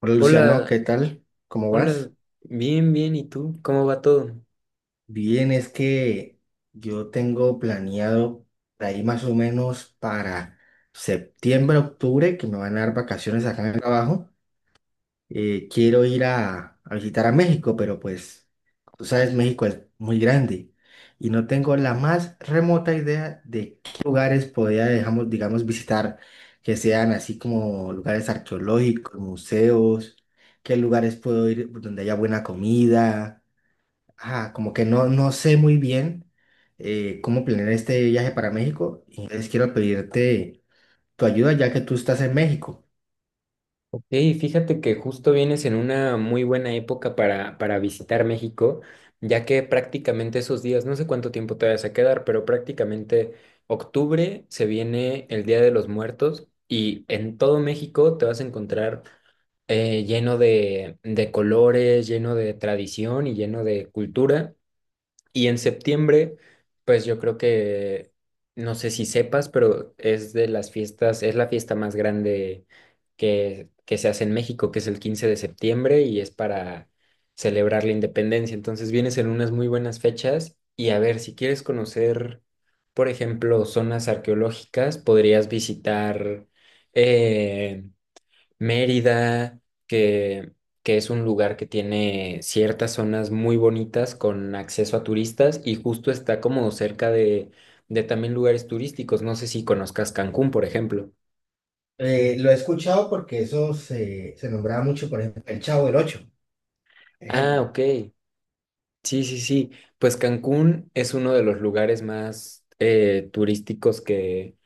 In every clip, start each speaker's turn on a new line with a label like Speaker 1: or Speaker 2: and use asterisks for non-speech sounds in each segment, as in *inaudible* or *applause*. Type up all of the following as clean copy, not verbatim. Speaker 1: Hola Luciano,
Speaker 2: Hola,
Speaker 1: ¿qué tal? ¿Cómo vas?
Speaker 2: hola, bien, bien, ¿y tú? ¿Cómo va todo?
Speaker 1: Bien, es que yo tengo planeado de ahí más o menos para septiembre, octubre, que me van a dar vacaciones acá en el trabajo. Quiero ir a visitar a México, pero pues, tú sabes, México es muy grande y no tengo la más remota idea de qué lugares podría, digamos, visitar, que sean así como lugares arqueológicos, museos, qué lugares puedo ir donde haya buena comida. Ah, como que no, no sé muy bien cómo planear este viaje para México, y entonces quiero pedirte tu ayuda ya que tú estás en México.
Speaker 2: Ok, fíjate que justo vienes en una muy buena época para visitar México, ya que prácticamente esos días, no sé cuánto tiempo te vas a quedar, pero prácticamente octubre se viene el Día de los Muertos y en todo México te vas a encontrar lleno de colores, lleno de tradición y lleno de cultura. Y en septiembre, pues yo creo que, no sé si sepas, pero es de las fiestas, es la fiesta más grande que se hace en México, que es el 15 de septiembre y es para celebrar la independencia. Entonces vienes en unas muy buenas fechas y a ver, si quieres conocer, por ejemplo, zonas arqueológicas, podrías visitar eh, Mérida, que, que es un lugar que tiene ciertas zonas muy bonitas con acceso a turistas y justo está como cerca de también lugares turísticos. No sé si conozcas Cancún, por ejemplo.
Speaker 1: Lo he escuchado porque eso se nombraba mucho, por ejemplo, el Chavo del Ocho,
Speaker 2: Ah,
Speaker 1: ejemplo.
Speaker 2: ok. Sí, sí, sí. Pues Cancún es uno de los lugares más turísticos que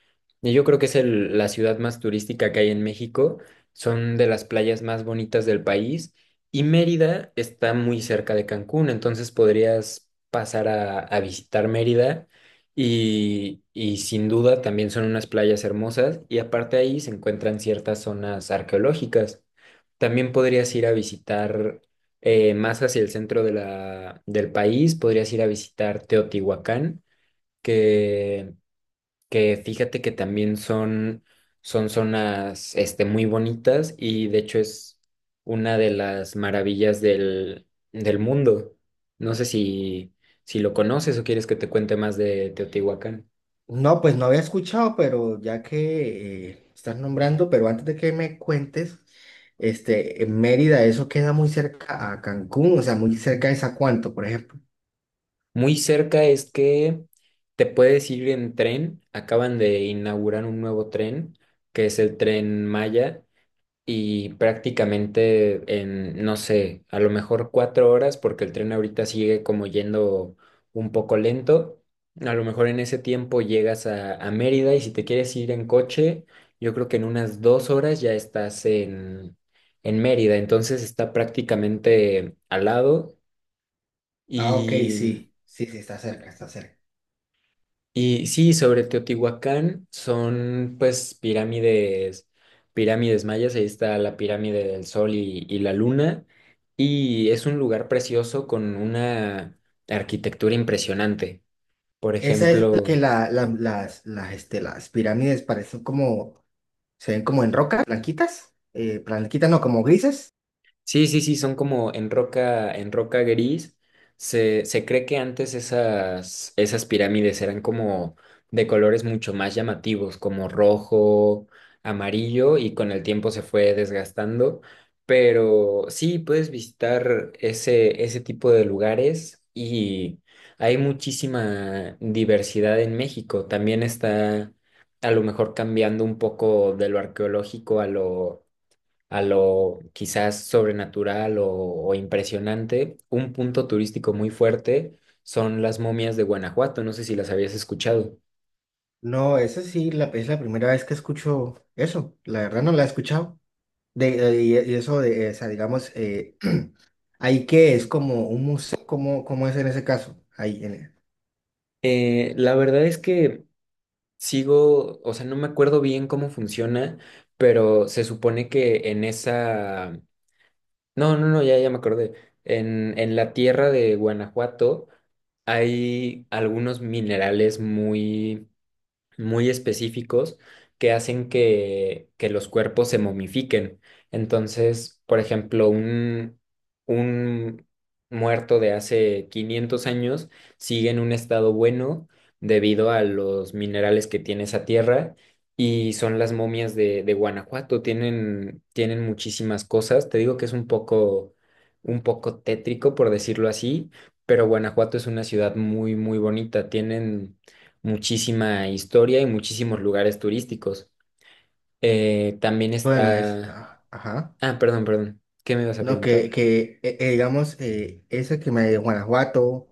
Speaker 2: y yo creo que es la ciudad más turística que hay en México. Son de las playas más bonitas del país y Mérida está muy cerca de Cancún, entonces podrías pasar a visitar Mérida y sin duda también son unas playas hermosas y aparte ahí se encuentran ciertas zonas arqueológicas. También podrías ir a visitar más hacia el centro de la, del país, podrías ir a visitar Teotihuacán, que, que fíjate que también son, son zonas este, muy bonitas y de hecho es una de las maravillas del mundo. No sé si lo conoces o quieres que te cuente más de Teotihuacán.
Speaker 1: No, pues no había escuchado, pero ya que estás nombrando, pero antes de que me cuentes, en Mérida, eso queda muy cerca a Cancún, o sea, muy cerca de Zacuanto, por ejemplo.
Speaker 2: Muy cerca es que te puedes ir en tren, acaban de inaugurar un nuevo tren, que es el tren Maya y prácticamente en, no sé, a lo mejor 4 horas, porque el tren ahorita sigue como yendo un poco lento. A lo mejor en ese tiempo llegas a Mérida y si te quieres ir en coche, yo creo que en unas 2 horas ya estás en Mérida. Entonces está prácticamente al lado.
Speaker 1: Ah, ok,
Speaker 2: y
Speaker 1: sí, sí, sí, está cerca, está cerca.
Speaker 2: Y sí, sobre Teotihuacán son pues pirámides, pirámides mayas, ahí está la pirámide del Sol y la Luna, y es un lugar precioso con una arquitectura impresionante. Por
Speaker 1: Esa es la que
Speaker 2: ejemplo,
Speaker 1: las pirámides parecen como, se ven como en roca, blanquitas, blanquitas no, como grises.
Speaker 2: sí, sí, sí, son como en roca gris. Se cree que antes esas, esas pirámides eran como de colores mucho más llamativos, como rojo, amarillo, y con el tiempo se fue desgastando. Pero sí, puedes visitar ese, ese tipo de lugares y hay muchísima diversidad en México. También está a lo mejor cambiando un poco de lo arqueológico a lo quizás sobrenatural o impresionante, un punto turístico muy fuerte son las momias de Guanajuato. No sé si las habías escuchado.
Speaker 1: No, esa sí es la primera vez que escucho eso. La verdad no la he escuchado. Y eso de, o sea, digamos, *clears throat* ahí que es como un museo, ¿cómo es en ese caso?
Speaker 2: La verdad es que sigo, o sea, no me acuerdo bien cómo funciona, pero se supone que en esa. No, no, no, ya, ya me acordé. En la tierra de Guanajuato hay algunos minerales muy muy específicos que hacen que los cuerpos se momifiquen. Entonces, por ejemplo, un muerto de hace 500 años sigue en un estado bueno debido a los minerales que tiene esa tierra. Y son las momias de Guanajuato, tienen, tienen muchísimas cosas. Te digo que es un poco tétrico, por decirlo así, pero Guanajuato es una ciudad muy, muy bonita. Tienen, muchísima historia y muchísimos lugares turísticos. También
Speaker 1: Bueno,
Speaker 2: está.
Speaker 1: ah, ajá.
Speaker 2: Ah, perdón, perdón. ¿Qué me ibas a
Speaker 1: No, que,
Speaker 2: preguntar?
Speaker 1: que digamos, ese que me de Guanajuato,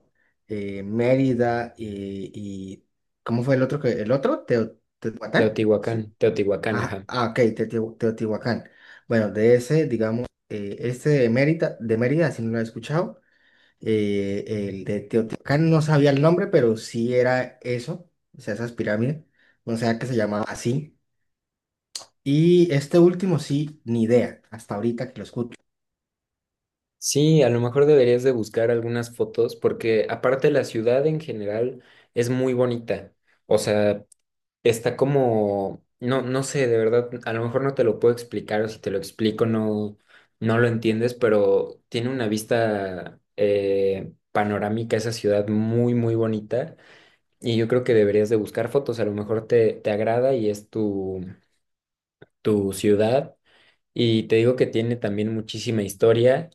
Speaker 1: Mérida y, ¿cómo fue el otro? Teotihuacán.
Speaker 2: Teotihuacán, Teotihuacán,
Speaker 1: Ah,
Speaker 2: ajá.
Speaker 1: ah, ok, Teotihuacán. Bueno, de ese, digamos, de Mérida, si no lo he escuchado, el de Teotihuacán no sabía el nombre, pero sí era eso, o sea, esas pirámides, no sé que se llamaba así. Y este último sí, ni idea, hasta ahorita que lo escucho.
Speaker 2: Sí, a lo mejor deberías de buscar algunas fotos porque aparte la ciudad en general es muy bonita. O sea, no, no sé, de verdad, a lo mejor no te lo puedo explicar o si te lo explico no lo entiendes, pero tiene una vista panorámica esa ciudad muy, muy bonita. Y yo creo que deberías de buscar fotos, a lo mejor te, te agrada y es tu, tu ciudad. Y te digo que tiene también muchísima historia.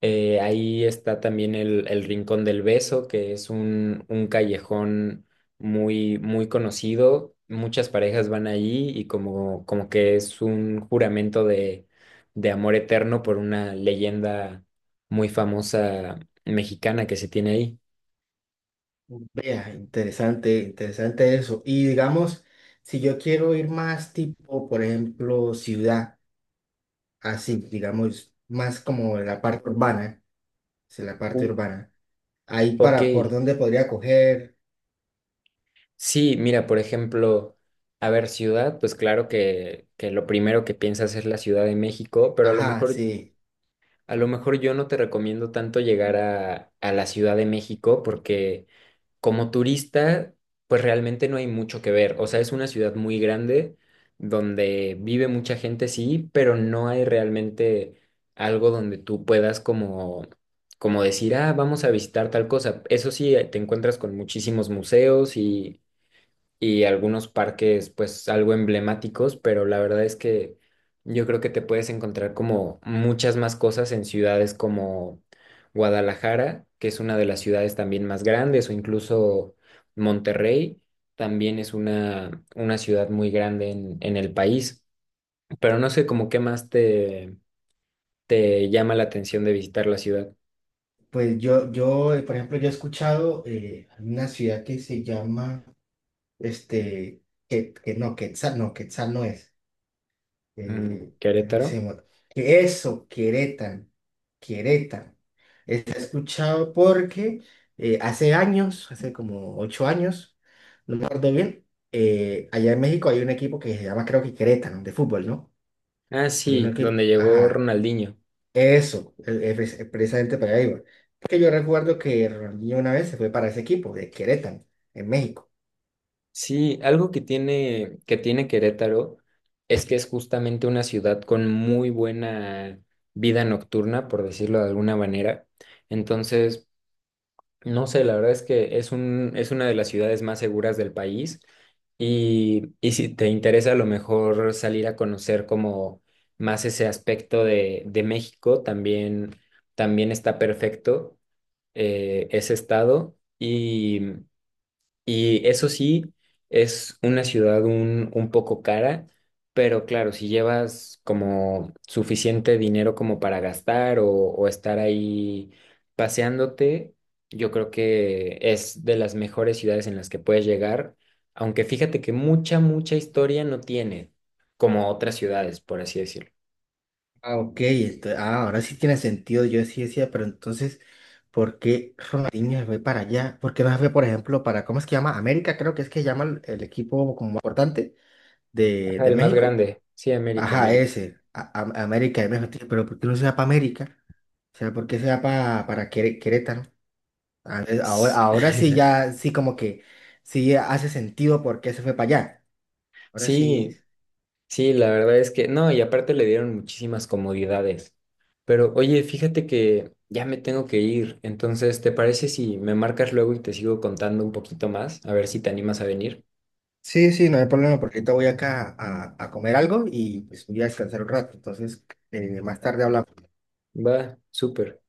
Speaker 2: Ahí está también el Rincón del Beso, que es un callejón muy, muy conocido. Muchas parejas van allí y como, como que es un juramento de amor eterno por una leyenda muy famosa mexicana que se tiene ahí.
Speaker 1: Vea, interesante, interesante eso. Y digamos, si yo quiero ir más tipo, por ejemplo, ciudad, así, digamos, más como la parte urbana. Es la
Speaker 2: Uh,
Speaker 1: parte urbana. Ahí
Speaker 2: Ok,
Speaker 1: para, ¿por dónde podría coger?
Speaker 2: sí, mira, por ejemplo, a ver, ciudad, pues claro que lo primero que piensas es la Ciudad de México, pero a lo
Speaker 1: Ajá,
Speaker 2: mejor,
Speaker 1: sí.
Speaker 2: a lo mejor yo no te recomiendo tanto llegar a la Ciudad de México porque como turista, pues realmente no hay mucho que ver. O sea, es una ciudad muy grande donde vive mucha gente, sí, pero no hay realmente algo donde tú puedas como, como decir, ah, vamos a visitar tal cosa. Eso sí, te encuentras con muchísimos museos y algunos parques pues algo emblemáticos, pero la verdad es que yo creo que te puedes encontrar como muchas más cosas en ciudades como Guadalajara, que es una de las ciudades también más grandes, o incluso Monterrey, también es una ciudad muy grande en el país, pero no sé como qué más te, te llama la atención de visitar la ciudad.
Speaker 1: Pues por ejemplo, yo he escuchado una ciudad que se llama, este, que no, Quetzal, no, Quetzal no es.
Speaker 2: Mm,
Speaker 1: Eh, ¿Cómo se
Speaker 2: Querétaro.
Speaker 1: llama? Que eso, Querétaro, Querétaro. He escuchado porque hace años, hace como 8 años, no me acuerdo bien, allá en México hay un equipo que se llama, creo que Querétaro, de fútbol, ¿no?
Speaker 2: Ah,
Speaker 1: Hay un
Speaker 2: sí,
Speaker 1: equipo,
Speaker 2: donde llegó
Speaker 1: ajá.
Speaker 2: Ronaldinho.
Speaker 1: Eso, es precisamente para ahí va. Porque yo recuerdo que Ronaldinho una vez se fue para ese equipo de Querétaro, en México.
Speaker 2: Sí, algo que tiene Querétaro es que es justamente una ciudad con muy buena vida nocturna, por decirlo de alguna manera. Entonces, no sé, la verdad es que es una de las ciudades más seguras del país. Y si te interesa a lo mejor salir a conocer como más ese aspecto de México, también, también está perfecto ese estado. Y eso sí, es una ciudad un poco cara, pero claro, si llevas como suficiente dinero como para gastar o estar ahí paseándote, yo creo que es de las mejores ciudades en las que puedes llegar, aunque fíjate que mucha, mucha historia no tiene, como otras ciudades, por así decirlo.
Speaker 1: Ah, ok, ahora sí tiene sentido. Yo sí decía, pero entonces, ¿por qué Ronaldinho se fue para allá? ¿Por qué no se fue, por ejemplo, ¿cómo es que llama? América, creo que es que llama el equipo como importante de,
Speaker 2: Ajá,
Speaker 1: de
Speaker 2: el más
Speaker 1: México.
Speaker 2: grande, sí, América,
Speaker 1: Ajá,
Speaker 2: América.
Speaker 1: ese, América de México. Pero ¿por qué no se va para América? O sea, ¿por qué se va para Querétaro? A ver, ahora sí
Speaker 2: *laughs*
Speaker 1: ya, sí como que sí hace sentido por qué se fue para allá. Ahora sí,
Speaker 2: Sí, sí, la verdad es que no, y aparte le dieron muchísimas comodidades. Pero oye, fíjate que ya me tengo que ir, entonces, ¿te parece si me marcas luego y te sigo contando un poquito más? A ver si te animas a venir.
Speaker 1: sí, sí, no hay problema porque ahorita voy acá a comer algo y pues voy a descansar un rato. Entonces, más tarde hablamos.
Speaker 2: Va, súper.